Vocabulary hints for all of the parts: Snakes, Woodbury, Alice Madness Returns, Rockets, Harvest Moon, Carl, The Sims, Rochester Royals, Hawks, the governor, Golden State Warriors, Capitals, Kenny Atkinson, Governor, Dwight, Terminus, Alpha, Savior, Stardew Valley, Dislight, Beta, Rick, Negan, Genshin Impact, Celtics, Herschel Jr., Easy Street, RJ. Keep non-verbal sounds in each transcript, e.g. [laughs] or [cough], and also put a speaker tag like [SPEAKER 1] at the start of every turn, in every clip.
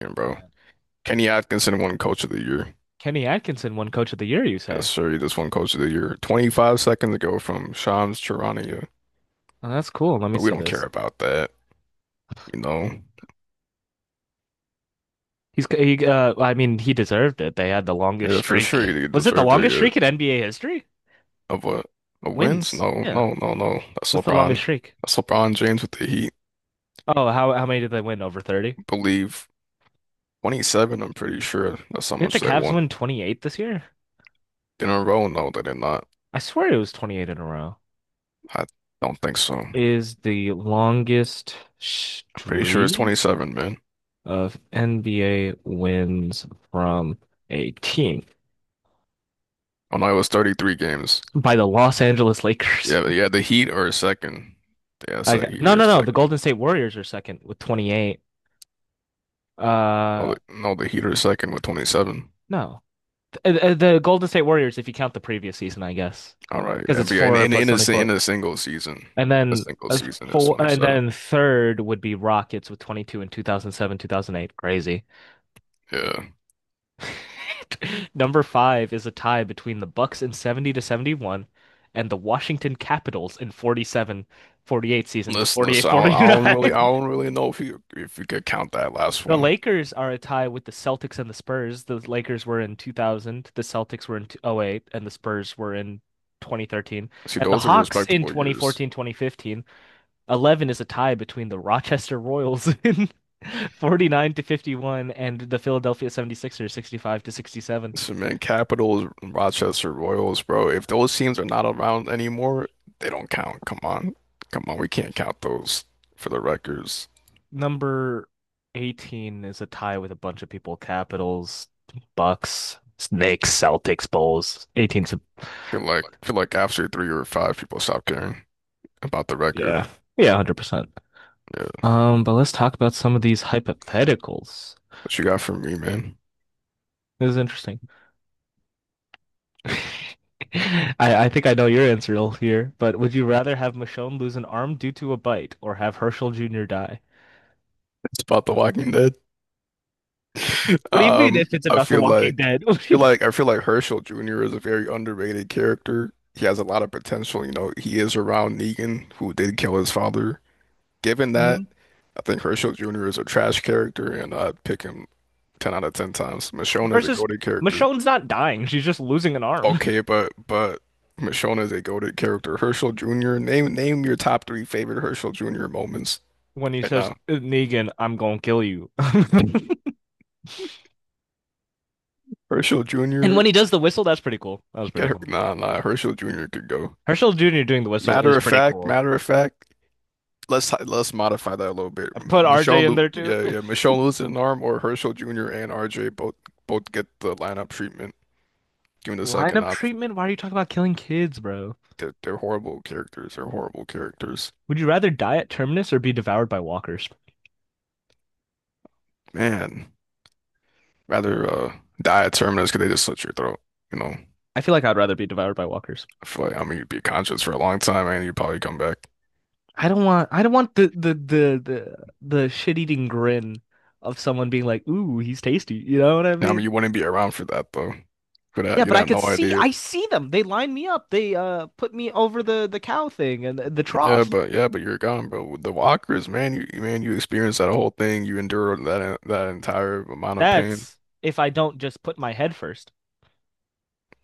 [SPEAKER 1] Yeah, bro.
[SPEAKER 2] Uh,
[SPEAKER 1] Kenny Atkinson won Coach of the Year.
[SPEAKER 2] Kenny Atkinson won Coach of the Year, you
[SPEAKER 1] Yes,
[SPEAKER 2] say?
[SPEAKER 1] sir. He just won Coach of the Year 25 seconds ago from Shams Charania.
[SPEAKER 2] Oh, that's cool. Let me
[SPEAKER 1] But we
[SPEAKER 2] see
[SPEAKER 1] don't care
[SPEAKER 2] this.
[SPEAKER 1] about that, you know.
[SPEAKER 2] He I mean he deserved it. They had the longest
[SPEAKER 1] Yeah, for sure
[SPEAKER 2] streak.
[SPEAKER 1] he
[SPEAKER 2] Was it the
[SPEAKER 1] deserved
[SPEAKER 2] longest streak in NBA history?
[SPEAKER 1] of a, a wins.
[SPEAKER 2] Wins.
[SPEAKER 1] No,
[SPEAKER 2] Yeah.
[SPEAKER 1] no, no, no. That's
[SPEAKER 2] What's the longest
[SPEAKER 1] LeBron.
[SPEAKER 2] streak?
[SPEAKER 1] That's LeBron James with the Heat.
[SPEAKER 2] Oh, how many did they win? Over 30?
[SPEAKER 1] Believe 27, I'm pretty sure. That's how
[SPEAKER 2] Didn't the
[SPEAKER 1] much they
[SPEAKER 2] Cavs
[SPEAKER 1] won.
[SPEAKER 2] win 28 this year?
[SPEAKER 1] In a row? No, they did not.
[SPEAKER 2] I swear it was 28 in a row.
[SPEAKER 1] I don't think so. I'm
[SPEAKER 2] Is the longest
[SPEAKER 1] pretty sure it's
[SPEAKER 2] streak
[SPEAKER 1] 27, man.
[SPEAKER 2] of NBA wins from a team
[SPEAKER 1] Oh no, it was 33 games.
[SPEAKER 2] by the Los Angeles Lakers.
[SPEAKER 1] Yeah, but yeah, the Heat are second. Yeah,
[SPEAKER 2] I
[SPEAKER 1] so
[SPEAKER 2] got,
[SPEAKER 1] Heat
[SPEAKER 2] no,
[SPEAKER 1] were
[SPEAKER 2] no, no. The
[SPEAKER 1] second.
[SPEAKER 2] Golden State Warriors are second with 28. Uh,
[SPEAKER 1] No, the Heat are second with 27.
[SPEAKER 2] no. The Golden State Warriors, if you count the previous season, I guess,
[SPEAKER 1] All right,
[SPEAKER 2] because it's
[SPEAKER 1] NBA
[SPEAKER 2] four plus 24.
[SPEAKER 1] in
[SPEAKER 2] And
[SPEAKER 1] a
[SPEAKER 2] then
[SPEAKER 1] single
[SPEAKER 2] uh,
[SPEAKER 1] season is
[SPEAKER 2] four, and
[SPEAKER 1] 27.
[SPEAKER 2] then third would be Rockets with 22 in 2007, 2008. Crazy.
[SPEAKER 1] Yeah,
[SPEAKER 2] [laughs] Number five is a tie between the Bucks in 70 to 71 and the Washington Capitals in '47, '48 season to
[SPEAKER 1] listen,
[SPEAKER 2] '48,
[SPEAKER 1] listen. I
[SPEAKER 2] '49. [laughs]
[SPEAKER 1] don't really know if you could count that last
[SPEAKER 2] The
[SPEAKER 1] one.
[SPEAKER 2] Lakers are a tie with the Celtics and the Spurs. The Lakers were in 2000, the Celtics were in '08, and the Spurs were in 2013.
[SPEAKER 1] See,
[SPEAKER 2] And the
[SPEAKER 1] those are
[SPEAKER 2] Hawks in
[SPEAKER 1] respectable
[SPEAKER 2] twenty
[SPEAKER 1] years.
[SPEAKER 2] fourteen, 2015. 11 is a tie between the Rochester Royals [laughs] in 49 to 51 and the Philadelphia 76ers 65 to 67.
[SPEAKER 1] Listen, man, Capitals, Rochester Royals, bro. If those teams are not around anymore, they don't count. Come on, come on. We can't count those for the records.
[SPEAKER 2] Number 18 is a tie with a bunch of people, Capitals, Bucks, Snakes, Celtics, Bulls. 18's a.
[SPEAKER 1] Feel like after three or five, people stop caring about the record.
[SPEAKER 2] Yeah, yeah, 100%.
[SPEAKER 1] Yeah.
[SPEAKER 2] But let's talk about some of these hypotheticals.
[SPEAKER 1] What you got for me, man?
[SPEAKER 2] This is interesting. [laughs] I, I think I know your answer all here, but would you rather have Michonne lose an arm due to a bite or have Herschel Jr. die?
[SPEAKER 1] It's about The Walking Dead. [laughs]
[SPEAKER 2] What do you mean if it's about The Walking Dead? [laughs]
[SPEAKER 1] I feel like Herschel Jr. is a very underrated character. He has a lot of potential. He is around Negan, who did kill his father. Given that,
[SPEAKER 2] Mhm.
[SPEAKER 1] I think Herschel Jr. is a trash character, and I'd pick him 10 out of 10 times. Michonne is a
[SPEAKER 2] Versus
[SPEAKER 1] goated character.
[SPEAKER 2] Michonne's not dying, she's just losing an arm.
[SPEAKER 1] Okay,
[SPEAKER 2] [laughs]
[SPEAKER 1] but but Michonne is a goated character. Herschel Jr. Name your top three favorite Herschel Jr. moments
[SPEAKER 2] When he
[SPEAKER 1] right
[SPEAKER 2] says,
[SPEAKER 1] now.
[SPEAKER 2] Negan, I'm gonna kill you. [laughs]
[SPEAKER 1] Herschel
[SPEAKER 2] And
[SPEAKER 1] Jr.
[SPEAKER 2] when he does the whistle, that's pretty cool. That was pretty
[SPEAKER 1] Get her.
[SPEAKER 2] cool.
[SPEAKER 1] Nah, nah. Herschel Jr. could go.
[SPEAKER 2] Herschel Jr. doing the whistle is pretty cool.
[SPEAKER 1] Matter of fact. Let's modify that a little bit.
[SPEAKER 2] I put RJ
[SPEAKER 1] Michonne,
[SPEAKER 2] in
[SPEAKER 1] lo
[SPEAKER 2] there too.
[SPEAKER 1] yeah, yeah. Michonne losing an arm or Herschel Jr. and RJ both get the lineup treatment. Given
[SPEAKER 2] [laughs]
[SPEAKER 1] the second
[SPEAKER 2] Lineup
[SPEAKER 1] option,
[SPEAKER 2] treatment? Why are you talking about killing kids, bro?
[SPEAKER 1] they're horrible characters. They're horrible characters.
[SPEAKER 2] Would you rather die at Terminus or be devoured by walkers?
[SPEAKER 1] Man, rather die a terminus because they just slit your throat. You know.
[SPEAKER 2] I feel like I'd rather be devoured by walkers.
[SPEAKER 1] I feel like, I mean, you'd be conscious for a long time, and you'd probably come back.
[SPEAKER 2] I don't want the shit-eating grin of someone being like, "Ooh, he's tasty." You know what I
[SPEAKER 1] I mean,
[SPEAKER 2] mean?
[SPEAKER 1] you wouldn't be around for that though. For
[SPEAKER 2] Yeah,
[SPEAKER 1] that, you'd
[SPEAKER 2] but I
[SPEAKER 1] have
[SPEAKER 2] could
[SPEAKER 1] no
[SPEAKER 2] see
[SPEAKER 1] idea.
[SPEAKER 2] I see them. They line me up. They put me over the cow thing and the trough.
[SPEAKER 1] Yeah, but you're gone, bro. With The walkers, man, man, you experienced that whole thing. You endured that entire amount of pain.
[SPEAKER 2] That's if I don't just put my head first.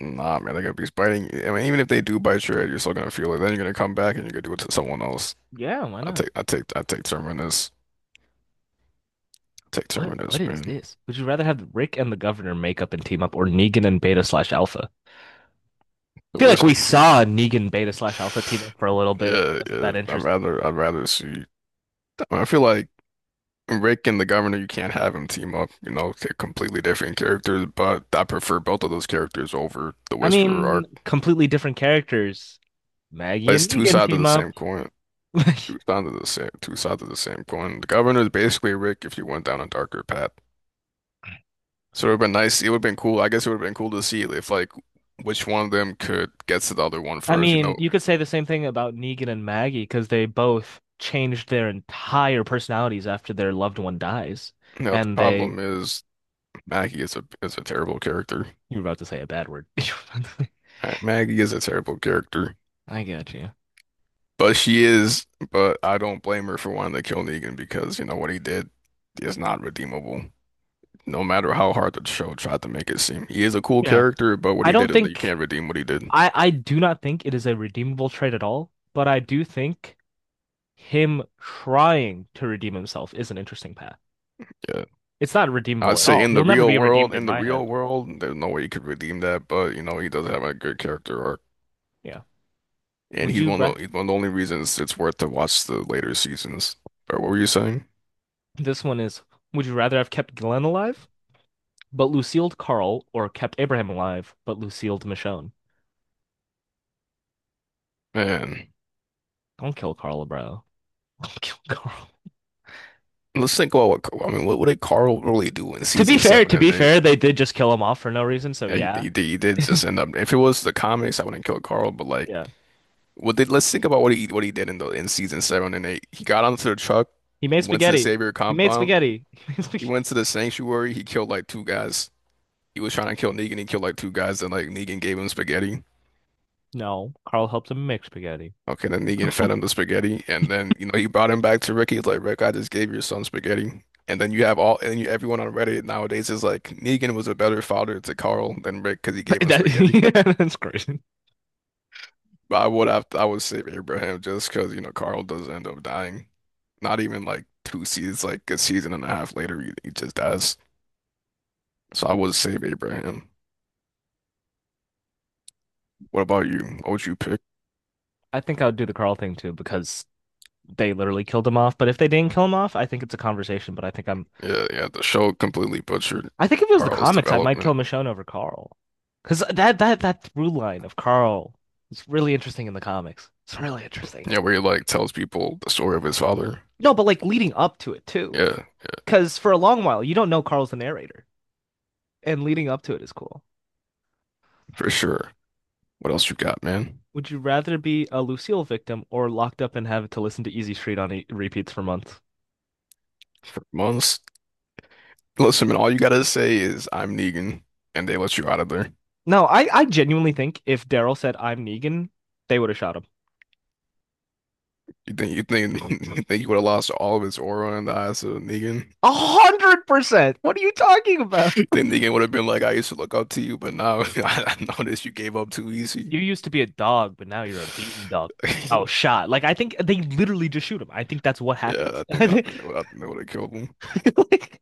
[SPEAKER 1] Nah, man, they're gonna be biting. I mean, even if they do bite your head, you're still gonna feel it. Then you're gonna come back and you're gonna do it to someone else.
[SPEAKER 2] Yeah, why not?
[SPEAKER 1] I take Terminus. I take
[SPEAKER 2] What
[SPEAKER 1] Terminus,
[SPEAKER 2] is
[SPEAKER 1] man.
[SPEAKER 2] this? Would you rather have Rick and the governor make up and team up or Negan and Beta slash Alpha?
[SPEAKER 1] The
[SPEAKER 2] Feel like we
[SPEAKER 1] wishes.
[SPEAKER 2] saw a Negan Beta slash Alpha team up for a little bit. It
[SPEAKER 1] Yeah,
[SPEAKER 2] wasn't
[SPEAKER 1] yeah.
[SPEAKER 2] that interesting.
[SPEAKER 1] I'd rather see. I feel like. Rick and the governor, you can't have them team up. You know, they're completely different characters, but I prefer both of those characters over the
[SPEAKER 2] I
[SPEAKER 1] Whisperer
[SPEAKER 2] mean,
[SPEAKER 1] arc.
[SPEAKER 2] completely different characters. Maggie
[SPEAKER 1] It's
[SPEAKER 2] and
[SPEAKER 1] two
[SPEAKER 2] Negan
[SPEAKER 1] sides of
[SPEAKER 2] team
[SPEAKER 1] the
[SPEAKER 2] up.
[SPEAKER 1] same coin.
[SPEAKER 2] [laughs]
[SPEAKER 1] Two sides of the same coin. The governor is basically Rick if you went down a darker path. So it would have been nice. It would have been cool. I guess it would have been cool to see if like which one of them could get to the other one
[SPEAKER 2] I
[SPEAKER 1] first.
[SPEAKER 2] mean, you could say the same thing about Negan and Maggie because they both changed their entire personalities after their loved one dies,
[SPEAKER 1] You know, the
[SPEAKER 2] and they.
[SPEAKER 1] problem is Maggie is a terrible character.
[SPEAKER 2] You were about to say a bad word. [laughs]
[SPEAKER 1] Maggie is a terrible character.
[SPEAKER 2] I get you.
[SPEAKER 1] But she is, but I don't blame her for wanting to kill Negan because, you know, what he did is not redeemable. No matter how hard the show tried to make it seem. He is a cool
[SPEAKER 2] Yeah.
[SPEAKER 1] character, but what
[SPEAKER 2] I
[SPEAKER 1] he did,
[SPEAKER 2] don't
[SPEAKER 1] and you
[SPEAKER 2] think
[SPEAKER 1] can't redeem what he did.
[SPEAKER 2] I do not think it is a redeemable trait at all, but I do think him trying to redeem himself is an interesting path.
[SPEAKER 1] Yeah.
[SPEAKER 2] It's not
[SPEAKER 1] I'd
[SPEAKER 2] redeemable at
[SPEAKER 1] say
[SPEAKER 2] all.
[SPEAKER 1] in the
[SPEAKER 2] He'll never
[SPEAKER 1] real
[SPEAKER 2] be
[SPEAKER 1] world,
[SPEAKER 2] redeemed in
[SPEAKER 1] in the
[SPEAKER 2] my head.
[SPEAKER 1] real world, there's no way you could redeem that, but you know, he does have a good character arc.
[SPEAKER 2] Yeah.
[SPEAKER 1] And
[SPEAKER 2] Would
[SPEAKER 1] he's
[SPEAKER 2] you ra
[SPEAKER 1] he's one of the only reasons it's worth to watch the later seasons. But what were you saying?
[SPEAKER 2] This one is, would you rather have kept Glenn alive but Lucille Carl or kept Abraham alive but Lucille Michonne?
[SPEAKER 1] Man,
[SPEAKER 2] Don't kill Carl, bro. [laughs] Don't kill Carl.
[SPEAKER 1] let's think about what, I mean, what did Carl really do in season seven
[SPEAKER 2] To
[SPEAKER 1] and
[SPEAKER 2] be
[SPEAKER 1] eight?
[SPEAKER 2] fair, they did just kill him off for no reason, so
[SPEAKER 1] Yeah,
[SPEAKER 2] yeah.
[SPEAKER 1] you did just end up. If it was the comics, I wouldn't kill Carl. But like,
[SPEAKER 2] Yeah.
[SPEAKER 1] what did? Let's think about what he did in the in season seven and eight. He got onto the truck,
[SPEAKER 2] He made
[SPEAKER 1] went to the
[SPEAKER 2] spaghetti.
[SPEAKER 1] Savior
[SPEAKER 2] He made
[SPEAKER 1] compound.
[SPEAKER 2] spaghetti. [laughs] He made
[SPEAKER 1] He
[SPEAKER 2] spaghetti.
[SPEAKER 1] went to the sanctuary. He killed like two guys. He was trying to kill Negan. He killed like two guys. Then like Negan gave him spaghetti.
[SPEAKER 2] No, Carl helped him make spaghetti.
[SPEAKER 1] Okay, then Negan fed
[SPEAKER 2] [laughs]
[SPEAKER 1] him the spaghetti, and then you know he brought him back to Rick. He's like, Rick, I just gave your son spaghetti. And then you have everyone on Reddit nowadays is like, Negan was a better father to Carl than Rick because he gave him spaghetti.
[SPEAKER 2] That, yeah, that's crazy.
[SPEAKER 1] But I would save Abraham just because you know Carl does end up dying. Not even like two seasons, like a season and a half later, he just dies. So I would save Abraham. What about you? What would you pick?
[SPEAKER 2] I think I would do the Carl thing too because they literally killed him off. But if they didn't kill him off, I think it's a conversation. But I think I'm
[SPEAKER 1] Yeah, yeah. The show completely butchered
[SPEAKER 2] I think if it was the
[SPEAKER 1] Carl's
[SPEAKER 2] comics, I might kill
[SPEAKER 1] development.
[SPEAKER 2] Michonne over Carl. Because that through line of Carl is really interesting in the comics. It's really interesting.
[SPEAKER 1] Yeah, where he like tells people the story of his father.
[SPEAKER 2] No, but like leading up to it too.
[SPEAKER 1] Yeah, yeah,
[SPEAKER 2] Because for a long while, you don't know Carl's the narrator, and leading up to it is cool.
[SPEAKER 1] for sure. What else you got, man?
[SPEAKER 2] Would you rather be a Lucille victim or locked up and have to listen to Easy Street on e repeats for months?
[SPEAKER 1] For months. Listen, man. All you gotta say is I'm Negan, and they let you out of there.
[SPEAKER 2] No, I genuinely think if Daryl said I'm Negan, they would have shot him.
[SPEAKER 1] You think [laughs] you think you would have lost all of his aura in the eyes of Negan?
[SPEAKER 2] 100%. What are you talking about?
[SPEAKER 1] Then the game would have been like, I used to look up to you, but now [laughs] I noticed you gave up too easy.
[SPEAKER 2] You used to be a dog, but now you're a beaten dog. Oh,
[SPEAKER 1] [laughs]
[SPEAKER 2] shot. Like I think they literally just shoot him. I think that's what
[SPEAKER 1] Yeah,
[SPEAKER 2] happens. [laughs] I think,
[SPEAKER 1] I think they would have killed him.
[SPEAKER 2] like,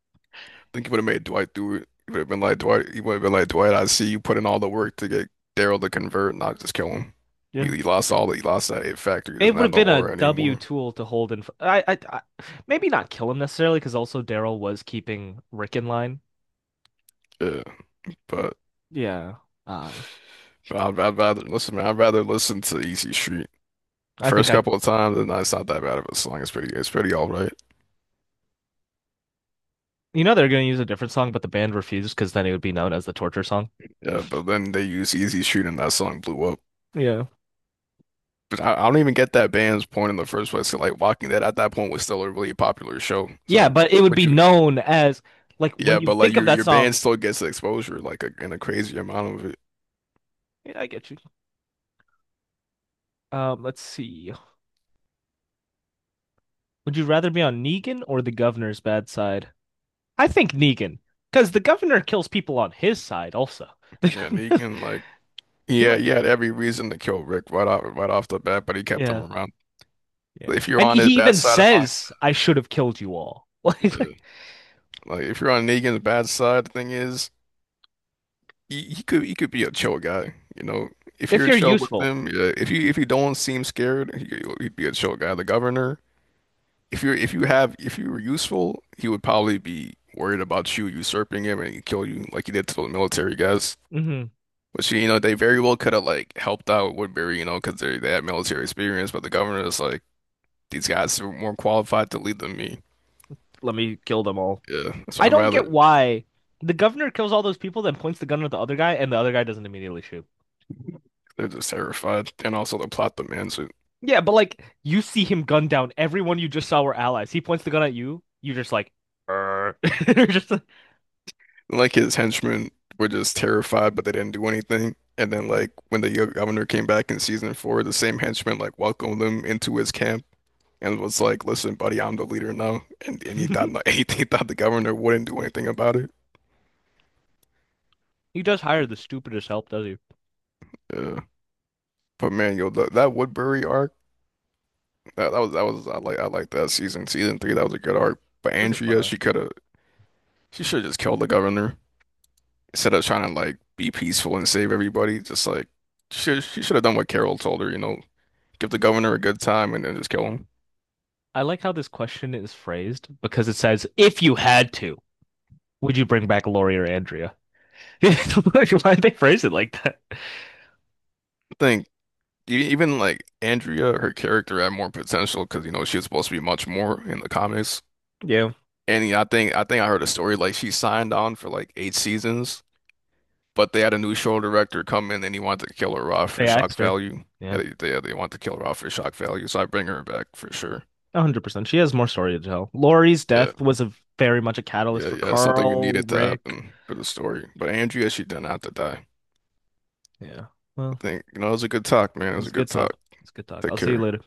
[SPEAKER 1] I think he would have made Dwight do it. He would have been like Dwight. I see you put in all the work to get Daryl to convert, not just kill him.
[SPEAKER 2] yeah.
[SPEAKER 1] He lost all. The He lost that it factor. He
[SPEAKER 2] It
[SPEAKER 1] doesn't
[SPEAKER 2] would have
[SPEAKER 1] have no
[SPEAKER 2] been a
[SPEAKER 1] aura
[SPEAKER 2] W
[SPEAKER 1] anymore.
[SPEAKER 2] tool to hold in. I maybe not kill him necessarily because also Daryl was keeping Rick in line.
[SPEAKER 1] Yeah, but,
[SPEAKER 2] Yeah. Uh,
[SPEAKER 1] but I'd rather listen, man. I'd rather listen to Easy Street.
[SPEAKER 2] I think
[SPEAKER 1] First
[SPEAKER 2] I.
[SPEAKER 1] couple of times, and it's not that bad of a song. It's pretty all right.
[SPEAKER 2] You know they're going to use a different song, but the band refused because then it would be known as the torture song.
[SPEAKER 1] Yeah, but then they used Easy Street, and that song blew up.
[SPEAKER 2] Yeah.
[SPEAKER 1] 'Cause I don't even get that band's point in the first place. 'Cause, like Walking Dead at that point was still a really popular show. It's
[SPEAKER 2] Yeah,
[SPEAKER 1] like
[SPEAKER 2] but it would
[SPEAKER 1] what
[SPEAKER 2] be
[SPEAKER 1] you,
[SPEAKER 2] known as like when
[SPEAKER 1] yeah,
[SPEAKER 2] you
[SPEAKER 1] but like
[SPEAKER 2] think of that
[SPEAKER 1] your band
[SPEAKER 2] song.
[SPEAKER 1] still gets the exposure, in a crazy amount of it.
[SPEAKER 2] Yeah, I get you. Let's see. Would you rather be on Negan or the governor's bad side? I think Negan, because the governor kills people on his side also.
[SPEAKER 1] Yeah,
[SPEAKER 2] [laughs]
[SPEAKER 1] Negan, like
[SPEAKER 2] He
[SPEAKER 1] yeah,
[SPEAKER 2] might,
[SPEAKER 1] he had every reason to kill Rick right off the bat, but he kept him
[SPEAKER 2] yeah,
[SPEAKER 1] around.
[SPEAKER 2] yeah,
[SPEAKER 1] If you're
[SPEAKER 2] and
[SPEAKER 1] on his
[SPEAKER 2] he
[SPEAKER 1] bad
[SPEAKER 2] even
[SPEAKER 1] side of the line,
[SPEAKER 2] says, "I should have killed you all." [laughs] Like,
[SPEAKER 1] yeah.
[SPEAKER 2] like,
[SPEAKER 1] Like if you're on Negan's bad side, the thing is, he could be a chill guy, you know. If
[SPEAKER 2] if
[SPEAKER 1] you're
[SPEAKER 2] you're
[SPEAKER 1] chill with
[SPEAKER 2] useful,
[SPEAKER 1] him, yeah. If you don't seem scared, he'd be a chill guy. The governor. If you were useful, he would probably be worried about you usurping him and kill you like he did to the military guys.
[SPEAKER 2] mhm,
[SPEAKER 1] Which you know they very well could have like helped out Woodbury, you know, because they had military experience, but the governor is like these guys are more qualified to lead than me.
[SPEAKER 2] let me kill them all.
[SPEAKER 1] Yeah, so
[SPEAKER 2] I
[SPEAKER 1] I'd
[SPEAKER 2] don't
[SPEAKER 1] rather
[SPEAKER 2] get why the governor kills all those people, then points the gun at the other guy, and the other guy doesn't immediately shoot.
[SPEAKER 1] they're just terrified, and also the plot demands it.
[SPEAKER 2] Yeah, but like you see him gun down everyone you just saw were allies. He points the gun at you, you just like, [laughs] just
[SPEAKER 1] Like his henchmen were just terrified, but they didn't do anything. And then
[SPEAKER 2] like-
[SPEAKER 1] like when the governor came back in season four, the same henchmen like welcomed them into his camp and was like, "Listen, buddy, I'm the leader now," and he thought
[SPEAKER 2] [laughs]
[SPEAKER 1] he, [laughs] he thought the governor wouldn't do anything about it.
[SPEAKER 2] He does hire the stupidest help, does he? It
[SPEAKER 1] Yeah, but man, yo, that Woodbury arc, that was I I like that season three. That was a good arc. But
[SPEAKER 2] was a fun
[SPEAKER 1] Andrea,
[SPEAKER 2] arc.
[SPEAKER 1] she should have just killed the governor instead of trying to like be peaceful and save everybody. Just like she should have done what Carol told her, you know, give the governor a good time and then just kill him.
[SPEAKER 2] I like how this question is phrased because it says, if you had to, would you bring back Lori or Andrea? [laughs] Why did they phrase it like that?
[SPEAKER 1] I think. Even like Andrea, her character had more potential because you know she was supposed to be much more in the comics.
[SPEAKER 2] Yeah.
[SPEAKER 1] And yeah, I think I heard a story like she signed on for like eight seasons, but they had a new show director come in and he wanted to kill her off for
[SPEAKER 2] They
[SPEAKER 1] shock
[SPEAKER 2] asked her.
[SPEAKER 1] value. Yeah,
[SPEAKER 2] Yeah,
[SPEAKER 1] they want to kill her off for shock value, so I bring her back for sure.
[SPEAKER 2] 100%. She has more story to tell. Lori's
[SPEAKER 1] Yeah,
[SPEAKER 2] death was a very much a catalyst
[SPEAKER 1] yeah,
[SPEAKER 2] for
[SPEAKER 1] yeah. Something you
[SPEAKER 2] Carl,
[SPEAKER 1] needed to
[SPEAKER 2] Rick.
[SPEAKER 1] happen for the story. But Andrea, she didn't have to die.
[SPEAKER 2] Yeah.
[SPEAKER 1] I
[SPEAKER 2] Well,
[SPEAKER 1] think, you know, it was a good talk, man. It was a
[SPEAKER 2] it's
[SPEAKER 1] good
[SPEAKER 2] good talk.
[SPEAKER 1] talk.
[SPEAKER 2] It's good talk.
[SPEAKER 1] Take
[SPEAKER 2] I'll see you
[SPEAKER 1] care.
[SPEAKER 2] later.